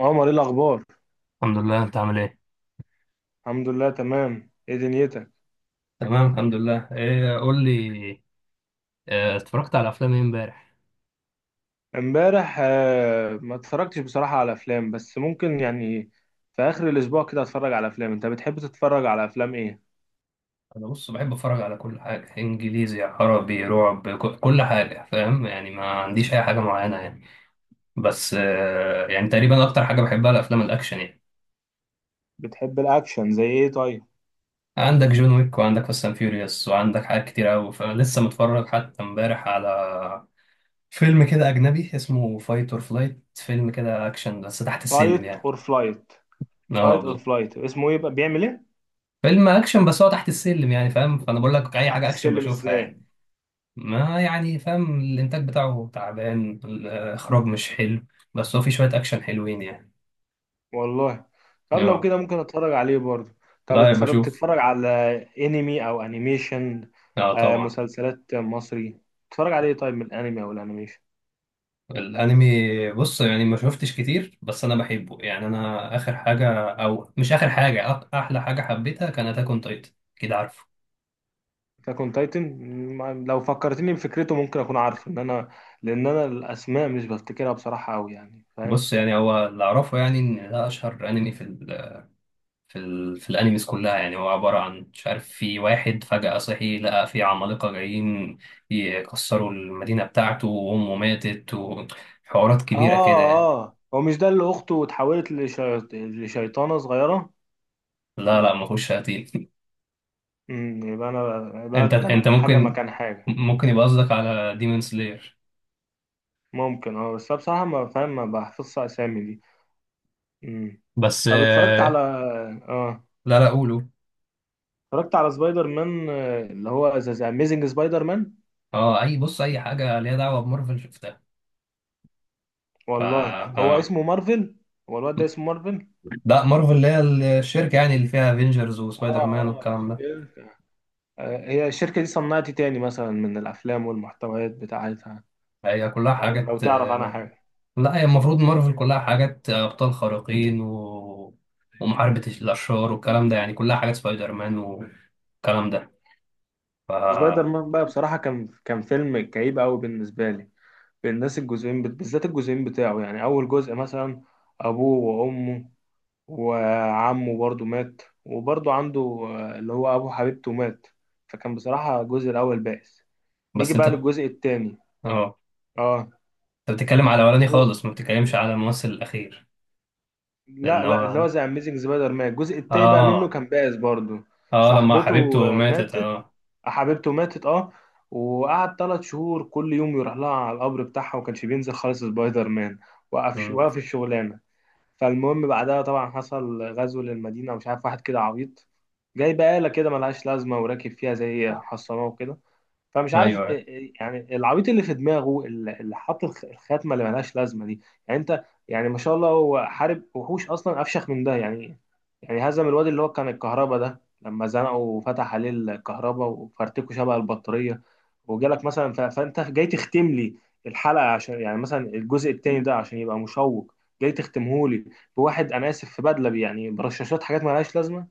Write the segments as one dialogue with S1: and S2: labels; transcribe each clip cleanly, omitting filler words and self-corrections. S1: عمر ايه الاخبار؟
S2: الحمد لله، انت عامل ايه؟
S1: الحمد لله تمام، ايه دنيتك؟
S2: تمام الحمد لله، ايه قول لي. اه، اتفرجت على افلام ايه امبارح؟
S1: امبارح ما اتفرجتش بصراحة على افلام، بس ممكن في اخر الاسبوع كده اتفرج على افلام. انت بتحب تتفرج على افلام ايه؟
S2: انا بص بحب اتفرج على كل حاجه، انجليزي عربي رعب، كل حاجه، فاهم يعني؟ ما عنديش اي حاجه معينه يعني. بس يعني تقريبا اكتر حاجه بحبها الافلام الاكشن يعني.
S1: بتحب الاكشن زي ايه طيب؟
S2: عندك جون ويك، وعندك فاست اند فيوريوس، وعندك حاجات كتير قوي. فلسه متفرج حتى امبارح على فيلم كده اجنبي اسمه فايت اور فلايت. فيلم كده اكشن بس تحت السلم
S1: فايت
S2: يعني.
S1: اور فلايت. فايت اور
S2: اه.
S1: فلايت اسمه ايه بقى؟ بيعمل ايه؟
S2: فيلم اكشن بس هو تحت السلم يعني، فاهم؟ فانا بقول لك اي
S1: تحت
S2: حاجه اكشن
S1: السلم
S2: بشوفها
S1: ازاي؟
S2: يعني. ما يعني فاهم، الانتاج بتاعه تعبان، الاخراج مش حلو. بس هو في شويه اكشن حلوين يعني.
S1: والله. طب لو
S2: اه.
S1: كده ممكن اتفرج عليه برضه. طب
S2: لا
S1: اتفرج،
S2: بشوف.
S1: بتتفرج على انمي او انيميشن؟
S2: اه طبعا.
S1: مسلسلات مصري تتفرج عليه؟ طيب من الانمي او الانيميشن
S2: الانمي بص يعني ما شفتش كتير، بس انا بحبه يعني. انا اخر حاجه، او مش اخر حاجه، احلى حاجه حبيتها كانت اكون تايتن، كده عارفه.
S1: اتاك اون تايتن، لو فكرتني بفكرته ممكن اكون عارفه، ان انا لان انا الاسماء مش بفتكرها بصراحه قوي، يعني فاهم؟
S2: بص يعني هو اللي اعرفه يعني ان ده اشهر انمي في في الانيميز كلها يعني. هو عبارة عن، مش عارف، في واحد فجأة صحي لقى في عمالقة جايين يكسروا المدينة بتاعته، وأمه ماتت، وحوارات
S1: اه.
S2: كبيرة كده يعني.
S1: اه هو مش ده اللي اخته اتحولت لشيطانه صغيره؟
S2: لا، ما كنتش هتيجي.
S1: يبقى انا، يبقى أنا
S2: انت
S1: دمجت حاجه
S2: ممكن.
S1: مكان حاجه.
S2: ممكن يبقى قصدك على ديمون سلاير.
S1: ممكن اه، بس أنا بصراحه ما فاهم، ما بحفظش اسامي دي. امم
S2: بس
S1: طب اتفرجت على، اه
S2: لا. لا قولوا.
S1: اتفرجت على سبايدر مان، اللي هو ذا اميزنج سبايدر مان.
S2: اه، اي بص اي حاجة ليها دعوة بمارفل شفتها. ف
S1: والله هو اسمه مارفل؟ هو الواد ده اسمه مارفل؟
S2: لا، مارفل اللي هي الشركة يعني، اللي فيها افنجرز وسبايدر مان
S1: اه. اه.
S2: والكلام ده.
S1: هي الشركة دي صنعت إيه تاني مثلا من الأفلام والمحتويات بتاعتها؟
S2: هي كلها
S1: لو
S2: حاجات
S1: تعرف عنها حاجة.
S2: لا، هي المفروض مارفل كلها حاجات أبطال خارقين ومحاربة الأشرار والكلام ده يعني، كلها حاجات سبايدر مان والكلام ده. ف...
S1: سبايدر مان بقى بصراحة كان فيلم كئيب أوي بالنسبة لي، بالناس الجزئين بالذات الجزئين بتاعه. يعني أول جزء مثلا أبوه وأمه وعمه برضه مات، وبرضه عنده اللي هو أبو حبيبته مات. فكان بصراحة الجزء الأول بائس. نيجي
S2: بس
S1: بقى
S2: أنت،
S1: للجزء التاني.
S2: أه.
S1: اه.
S2: أنت بتتكلم على الأولاني
S1: أوه.
S2: خالص، ما بتتكلمش على الممثل الأخير. لأن
S1: لا لا، اللي هو
S2: هو
S1: ذا أميزنج سبايدر مان الجزء التاني بقى منه
S2: آه.
S1: كان بائس برضه.
S2: آه لما
S1: صاحبته
S2: حبيبته ماتت،
S1: ماتت،
S2: آه.
S1: حبيبته ماتت اه. وقعد ثلاث شهور كل يوم يروح لها على القبر بتاعها، وما كانش بينزل خالص سبايدر مان، وقف
S2: أمم.
S1: وقف الشغلانه. فالمهم بعدها طبعا حصل غزو للمدينه، ومش عارف واحد كده عبيط جاي بقالة كده ملهاش لازمة وراكب فيها زي محصنة وكده. فمش
S2: أيوه،
S1: عارف
S2: أيوة.
S1: يعني العبيط اللي في دماغه اللي حاط الخاتمه اللي ملهاش لازمه دي. يعني انت، يعني ما شاء الله هو حارب وحوش اصلا افشخ من ده يعني. يعني هزم الواد اللي هو كان الكهرباء ده، لما زنقه وفتح عليه الكهرباء وفرتكه شبه البطاريه. وجالك مثلا فانت جاي تختم لي الحلقه، عشان يعني مثلا الجزء التاني ده عشان يبقى مشوق. جاي تختمه لي بواحد انا اسف في بدله يعني برشاشات، حاجات ملهاش لازمه.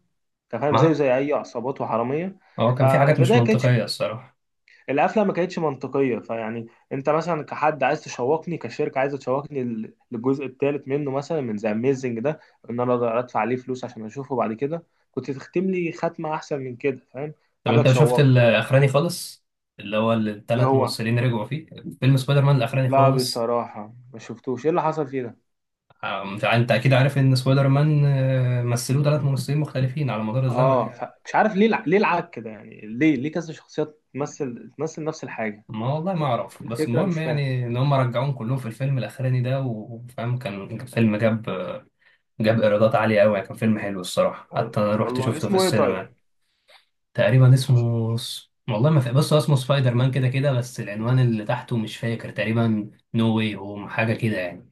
S1: انت فاهم، زيه
S2: ما
S1: زي اي عصابات وحراميه.
S2: هو كان في حاجات مش
S1: فالبدايه كانت،
S2: منطقية الصراحة.
S1: القفله ما كانتش منطقيه فيعني. انت مثلا كحد عايز تشوقني، كشركه عايزه تشوقني للجزء الثالث منه مثلا من ذا اميزنج ده، ان انا اقدر ادفع عليه فلوس عشان اشوفه بعد كده، كنت تختم لي ختمه احسن من كده، فاهم؟
S2: طب
S1: حاجه
S2: أنت شفت
S1: تشوقني.
S2: الأخراني خالص؟ اللي هو
S1: ايه
S2: الثلاث
S1: هو؟
S2: ممثلين رجعوا فيه، فيلم سبايدر مان الأخراني
S1: لا
S2: خالص.
S1: بصراحه ما شفتوش، ايه اللي حصل فيه ده؟
S2: آم، فأنت أكيد عارف إن سبايدر مان مثلوه ثلاث ممثلين مختلفين على مدار الزمن
S1: اه،
S2: يعني.
S1: مش عارف ليه ليه العك كده. يعني ليه ليه كذا شخصيات تمثل نفس الحاجه؟
S2: ما والله ما
S1: يعني ايه
S2: أعرف، بس
S1: الفكره؟
S2: المهم
S1: مش فاهم.
S2: يعني إن هم رجعوهم كلهم في الفيلم الأخراني ده، وفاهم كان فيلم جاب، جاب إيرادات عالية أوي يعني. كان فيلم حلو الصراحة، حتى أنا رحت
S1: والله
S2: شفته في
S1: اسمه ايه طيب؟
S2: السينما. تقريبا اسمه والله ما فاكر، بس هو اسمه سبايدر مان كده كده، بس العنوان اللي تحته مش فاكر، تقريبا نو واي هوم حاجة كده يعني.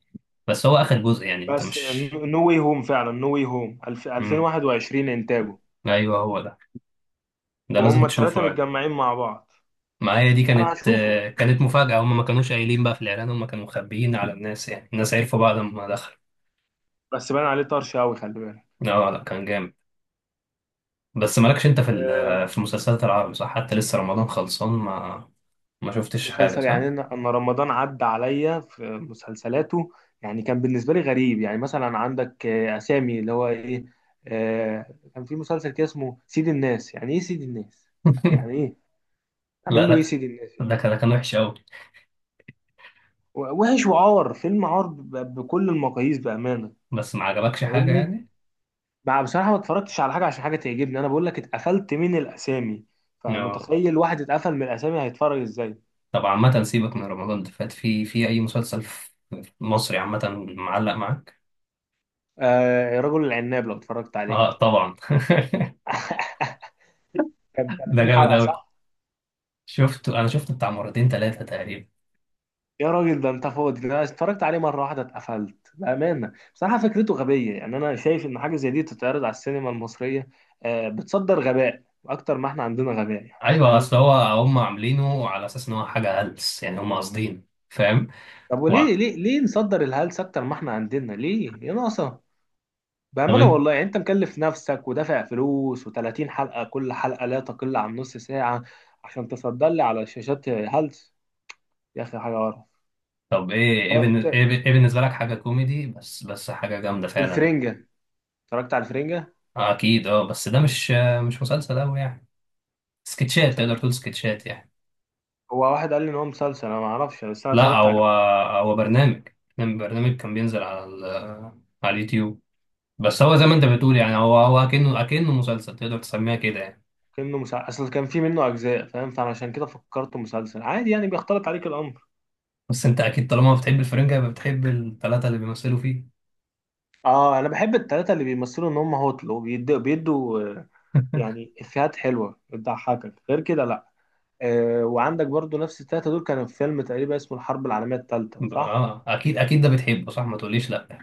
S2: بس هو آخر جزء يعني، أنت
S1: بس،
S2: مش
S1: نو واي هوم، فعلا نو واي هوم
S2: مم.
S1: 2021 انتاجه.
S2: أيوه هو ده. ده لازم
S1: وهم
S2: تشوفه
S1: الثلاثه
S2: يعني.
S1: متجمعين مع بعض.
S2: معايا دي
S1: انا
S2: كانت
S1: هشوفه،
S2: كانت مفاجأة، هم ما كانوش قايلين بقى في الإعلان، هم كانوا مخبيين على الناس يعني، الناس عرفوا بعد ما دخل.
S1: بس باين عليه طرش قوي، خلي بالك.
S2: اه لا كان جامد. بس مالكش انت في
S1: آه،
S2: في المسلسلات العربي صح؟ حتى لسه رمضان خلصان، ما ما شفتش حاجة
S1: مسلسل
S2: صح؟
S1: يعني انا، أنا رمضان عدى عليا في مسلسلاته. يعني كان بالنسبه لي غريب. يعني مثلا عندك اسامي اللي هو ايه. كان في مسلسل كده اسمه سيد الناس، يعني ايه سيد الناس؟ يعني ايه
S2: لا
S1: تعمل له
S2: لا
S1: ايه سيد الناس يعني؟
S2: ده كان وحش قوي.
S1: وحش وعار، فيلم عار بكل المقاييس بامانه.
S2: بس ما عجبكش حاجة
S1: فاهمني؟
S2: يعني.
S1: ما بصراحة ما اتفرجتش على حاجة عشان حاجة تعجبني، أنا بقول لك اتقفلت من الأسامي.
S2: اه.
S1: فمتخيل واحد اتقفل من الأسامي هيتفرج إزاي؟
S2: طب عامة سيبك من رمضان اللي فات، في في أي مسلسل في في مصري عامة معلق معاك؟
S1: آه رجل العناب، لو اتفرجت عليه
S2: اه طبعا.
S1: كان
S2: ده
S1: 30
S2: جامد
S1: حلقة
S2: قوي،
S1: صح؟
S2: شفته، انا شفته بتاع مرتين ثلاثة تقريبا.
S1: يا راجل ده أنت فاضي، ده أنا اتفرجت عليه مرة واحدة اتقفلت بأمانة. بصراحة فكرته غبية. يعني أنا شايف إن حاجة زي دي تتعرض على السينما المصرية آه، بتصدر غباء أكتر ما إحنا عندنا غباء، يعني
S2: ايوه
S1: فاهم؟
S2: اصل هو، هم عاملينه على اساس ان هو حاجه هلس يعني، هم قاصدين فاهم.
S1: طب
S2: و-
S1: وليه ليه ليه نصدر الهلس أكتر ما إحنا عندنا ليه؟ يا ناقصة.
S2: طب
S1: بأمانة
S2: انت،
S1: والله، يعني أنت مكلف نفسك ودافع فلوس، و30 حلقة كل حلقة لا تقل عن نص ساعة، عشان تصدر لي على شاشات هلس. يا أخي حاجة قرف.
S2: طب ايه ايه
S1: فأنت-
S2: إيه بالنسبه لك حاجه كوميدي، بس حاجه جامده فعلا؟
S1: الفرنجة. اتفرجت على الفرنجة؟
S2: اكيد اه، بس ده مش مش مسلسل قوي يعني. سكتشات، تقدر
S1: مسلسل،
S2: تقول سكتشات يعني.
S1: هو واحد قال لي إن هو مسلسل أنا ما أعرفش، بس أنا
S2: لا
S1: اتفرجت على
S2: هو،
S1: كام حلقة منه
S2: هو
S1: عجبوني.
S2: برنامج. كان بينزل على على اليوتيوب. بس هو زي ما انت
S1: والله
S2: بتقول يعني،
S1: لا،
S2: هو هو اكنه مسلسل، تقدر تسميها كده يعني.
S1: كأنه مسلسل، أصل كان في منه أجزاء فاهم، فعشان كده فكرته مسلسل عادي، يعني بيختلط عليك الأمر.
S2: بس انت اكيد طالما بتحب الفرنجة يبقى بتحب الثلاثه اللي بيمثلوا فيه.
S1: أه أنا بحب التلاتة اللي بيمثلوا إن هم هوتل وبيدوا يعني إفيهات حلوة بتضحكك، غير كده لا. وعندك برضو نفس التلاتة دول كانوا في فيلم تقريبا اسمه الحرب العالمية التالتة صح؟
S2: اه اكيد ده بتحبه صح، ما تقوليش لا.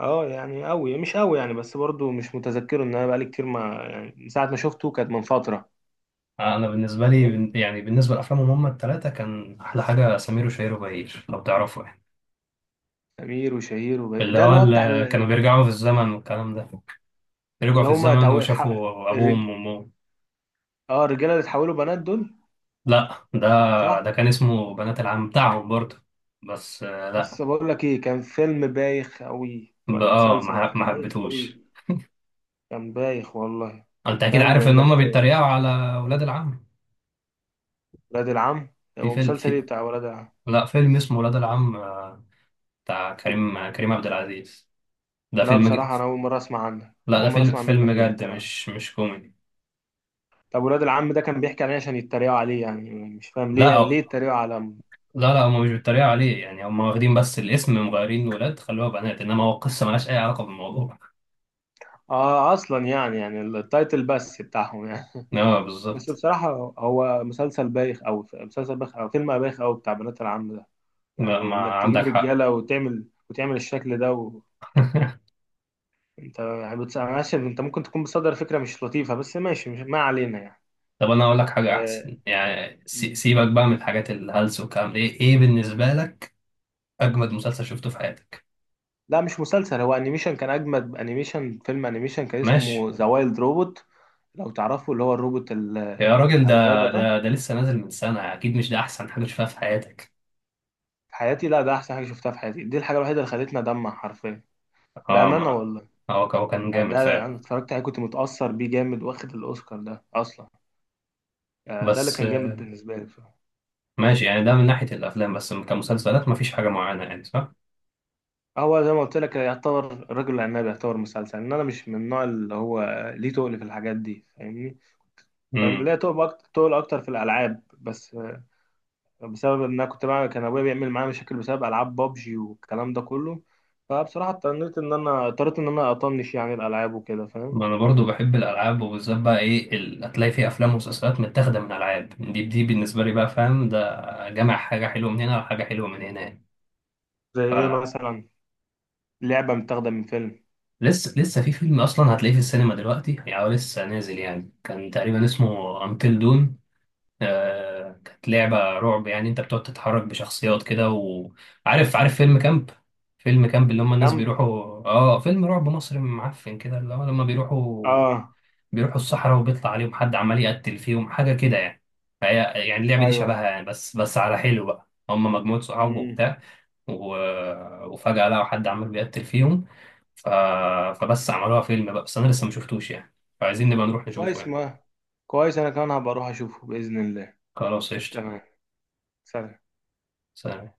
S1: اه يعني قوي مش قوي يعني، بس برضو مش متذكره ان انا بقالي كتير، ما يعني من ساعة ما شفته كانت من فترة.
S2: انا بالنسبه لي
S1: تمام.
S2: يعني بالنسبه لافلامهم هم الثلاثه كان احلى حاجه سمير وشهير وبهير، لو تعرفوا يعني.
S1: أمير وشهير وبهير،
S2: اللي
S1: ده
S2: هو
S1: اللي هو بتاع
S2: اللي كانوا بيرجعوا في الزمن والكلام ده، رجعوا
S1: اللي
S2: في
S1: هما
S2: الزمن وشافوا ابوهم
S1: الرج...
S2: وامهم.
S1: اه الرجالة اللي اتحولوا بنات دول
S2: لا ده،
S1: صح؟
S2: ده كان اسمه بنات العم بتاعهم برضه. بس
S1: بس
S2: لا.
S1: بقول لك ايه، كان فيلم بايخ قوي ولا مسلسل
S2: ما
S1: كان
S2: ما
S1: بايخ قوي،
S2: حبيتهوش.
S1: كان بايخ والله.
S2: انت اكيد
S1: فاهم
S2: عارف ان
S1: انك
S2: هم بيتريقوا على ولاد العم.
S1: ولاد العم.
S2: في فيلم
S1: ومسلسل ايه
S2: في،
S1: بتاع ولاد
S2: لا فيلم اسمه ولاد
S1: العم.
S2: العم بتاع كريم، كريم عبد العزيز. ده
S1: لا
S2: فيلم.
S1: بصراحة أنا أول مرة أسمع عنك،
S2: لا
S1: أول
S2: ده
S1: مرة
S2: فيلم،
S1: أسمع
S2: فيلم
S1: منك إنه
S2: جد
S1: بيتريقوا.
S2: مش مش كوميدي.
S1: طب ولاد العم ده كان بيحكي عليه عشان يتريقوا عليه؟ يعني مش فاهم
S2: لا
S1: ليه ليه
S2: أو،
S1: يتريقوا على،
S2: لا لا هما مش بيتريقوا عليه يعني، هما واخدين بس الاسم، مغيرين ولاد خلوها بنات، انما هو قصة ملهاش اي علاقة بالموضوع.
S1: آه أصلا يعني يعني التايتل بس بتاعهم يعني.
S2: لا
S1: بس
S2: بالظبط.
S1: بصراحة هو مسلسل بايخ أوي، مسلسل بايخ أو فيلم بايخ أوي بتاع بنات العم ده.
S2: لا
S1: يعني
S2: ما
S1: إنك تجيب
S2: عندك حق.
S1: رجالة وتعمل الشكل ده. وأنت يعني ماشي، أنت ممكن تكون بتصدر فكرة مش لطيفة بس ماشي، مش ما علينا يعني.
S2: طب انا اقول لك حاجة احسن يعني،
S1: آه،
S2: سيبك بقى من الحاجات الهلس والكلام ده. ايه، ايه بالنسبة لك اجمد مسلسل شفته في حياتك؟
S1: لا مش مسلسل، هو انيميشن، كان اجمد انيميشن، فيلم انيميشن كان اسمه
S2: ماشي.
S1: ذا وايلد روبوت. لو تعرفوا اللي هو الروبوت
S2: يا راجل
S1: بتاع
S2: ده،
S1: الغابة ده.
S2: ده لسه نازل من سنة، اكيد مش ده احسن حاجة شفتها في حياتك.
S1: في حياتي، لا ده احسن حاجة شفتها في حياتي، دي الحاجة الوحيدة اللي خلتني ادمع حرفيا.
S2: اه
S1: بأمانة
S2: ما
S1: والله.
S2: هو، هو كان
S1: يعني
S2: جامد
S1: ده
S2: فعلا.
S1: انا اتفرجت عليه كنت متأثر بيه جامد، واخد الاوسكار ده اصلا. ده اللي
S2: بس
S1: كان جامد بالنسبة لي بصراحة.
S2: ماشي يعني، ده من ناحية الأفلام، بس كمسلسلات مفيش حاجة معينة يعني صح؟
S1: هو زي ما قلت لك يعتبر الرجل العناب يعتبر مسلسل، ان انا مش من النوع اللي هو ليه تقل في الحاجات دي، فاهمني؟ كان
S2: امم.
S1: ليا تقل اكتر، في الالعاب بس، بسبب ان انا كنت بقى كان ابويا بيعمل معايا مشاكل بسبب العاب بابجي والكلام ده كله. فبصراحه اضطريت ان انا، اضطريت ان انا اطنش يعني الالعاب وكده فاهم.
S2: ما أنا برضو بحب الألعاب، وبالذات بقى إيه هتلاقي فيه أفلام ومسلسلات متاخدة من ألعاب، دي بالنسبة لي بقى فاهم، ده جمع حاجة حلوة من هنا وحاجة حلوة من هنا يعني.
S1: زي ايه
S2: ف
S1: مثلا؟ لعبه متاخده من فيلم؟
S2: لسه في فيلم أصلا هتلاقيه في السينما دلوقتي يعني، هو لسه نازل يعني، كان تقريبا اسمه أنتل دون. كانت لعبة رعب يعني، انت بتقعد تتحرك بشخصيات كده. وعارف، عارف فيلم كامب، فيلم كامب اللي هم الناس
S1: كامب.
S2: بيروحوا؟ اه، فيلم رعب مصري معفن كده، اللي هو لما بيروحوا،
S1: اه.
S2: بيروحوا الصحراء وبيطلع عليهم حد عمال يقتل فيهم حاجة كده يعني. فهي يعني اللعبة دي شبهها
S1: ايوه.
S2: يعني، بس بس على حلو بقى، هم مجموعة صحاب
S1: امم
S2: وبتاع و... وفجأة لقوا حد عمال بيقتل فيهم. ف... فبس عملوها فيلم بقى، بس انا لسه ما شفتوش يعني، فعايزين نبقى نروح نشوفه
S1: كويس،
S2: يعني.
S1: ما كويس انا كمان هبقى اروح اشوفه باذن الله.
S2: خلاص قشطة.
S1: تمام. سلام.
S2: سلام.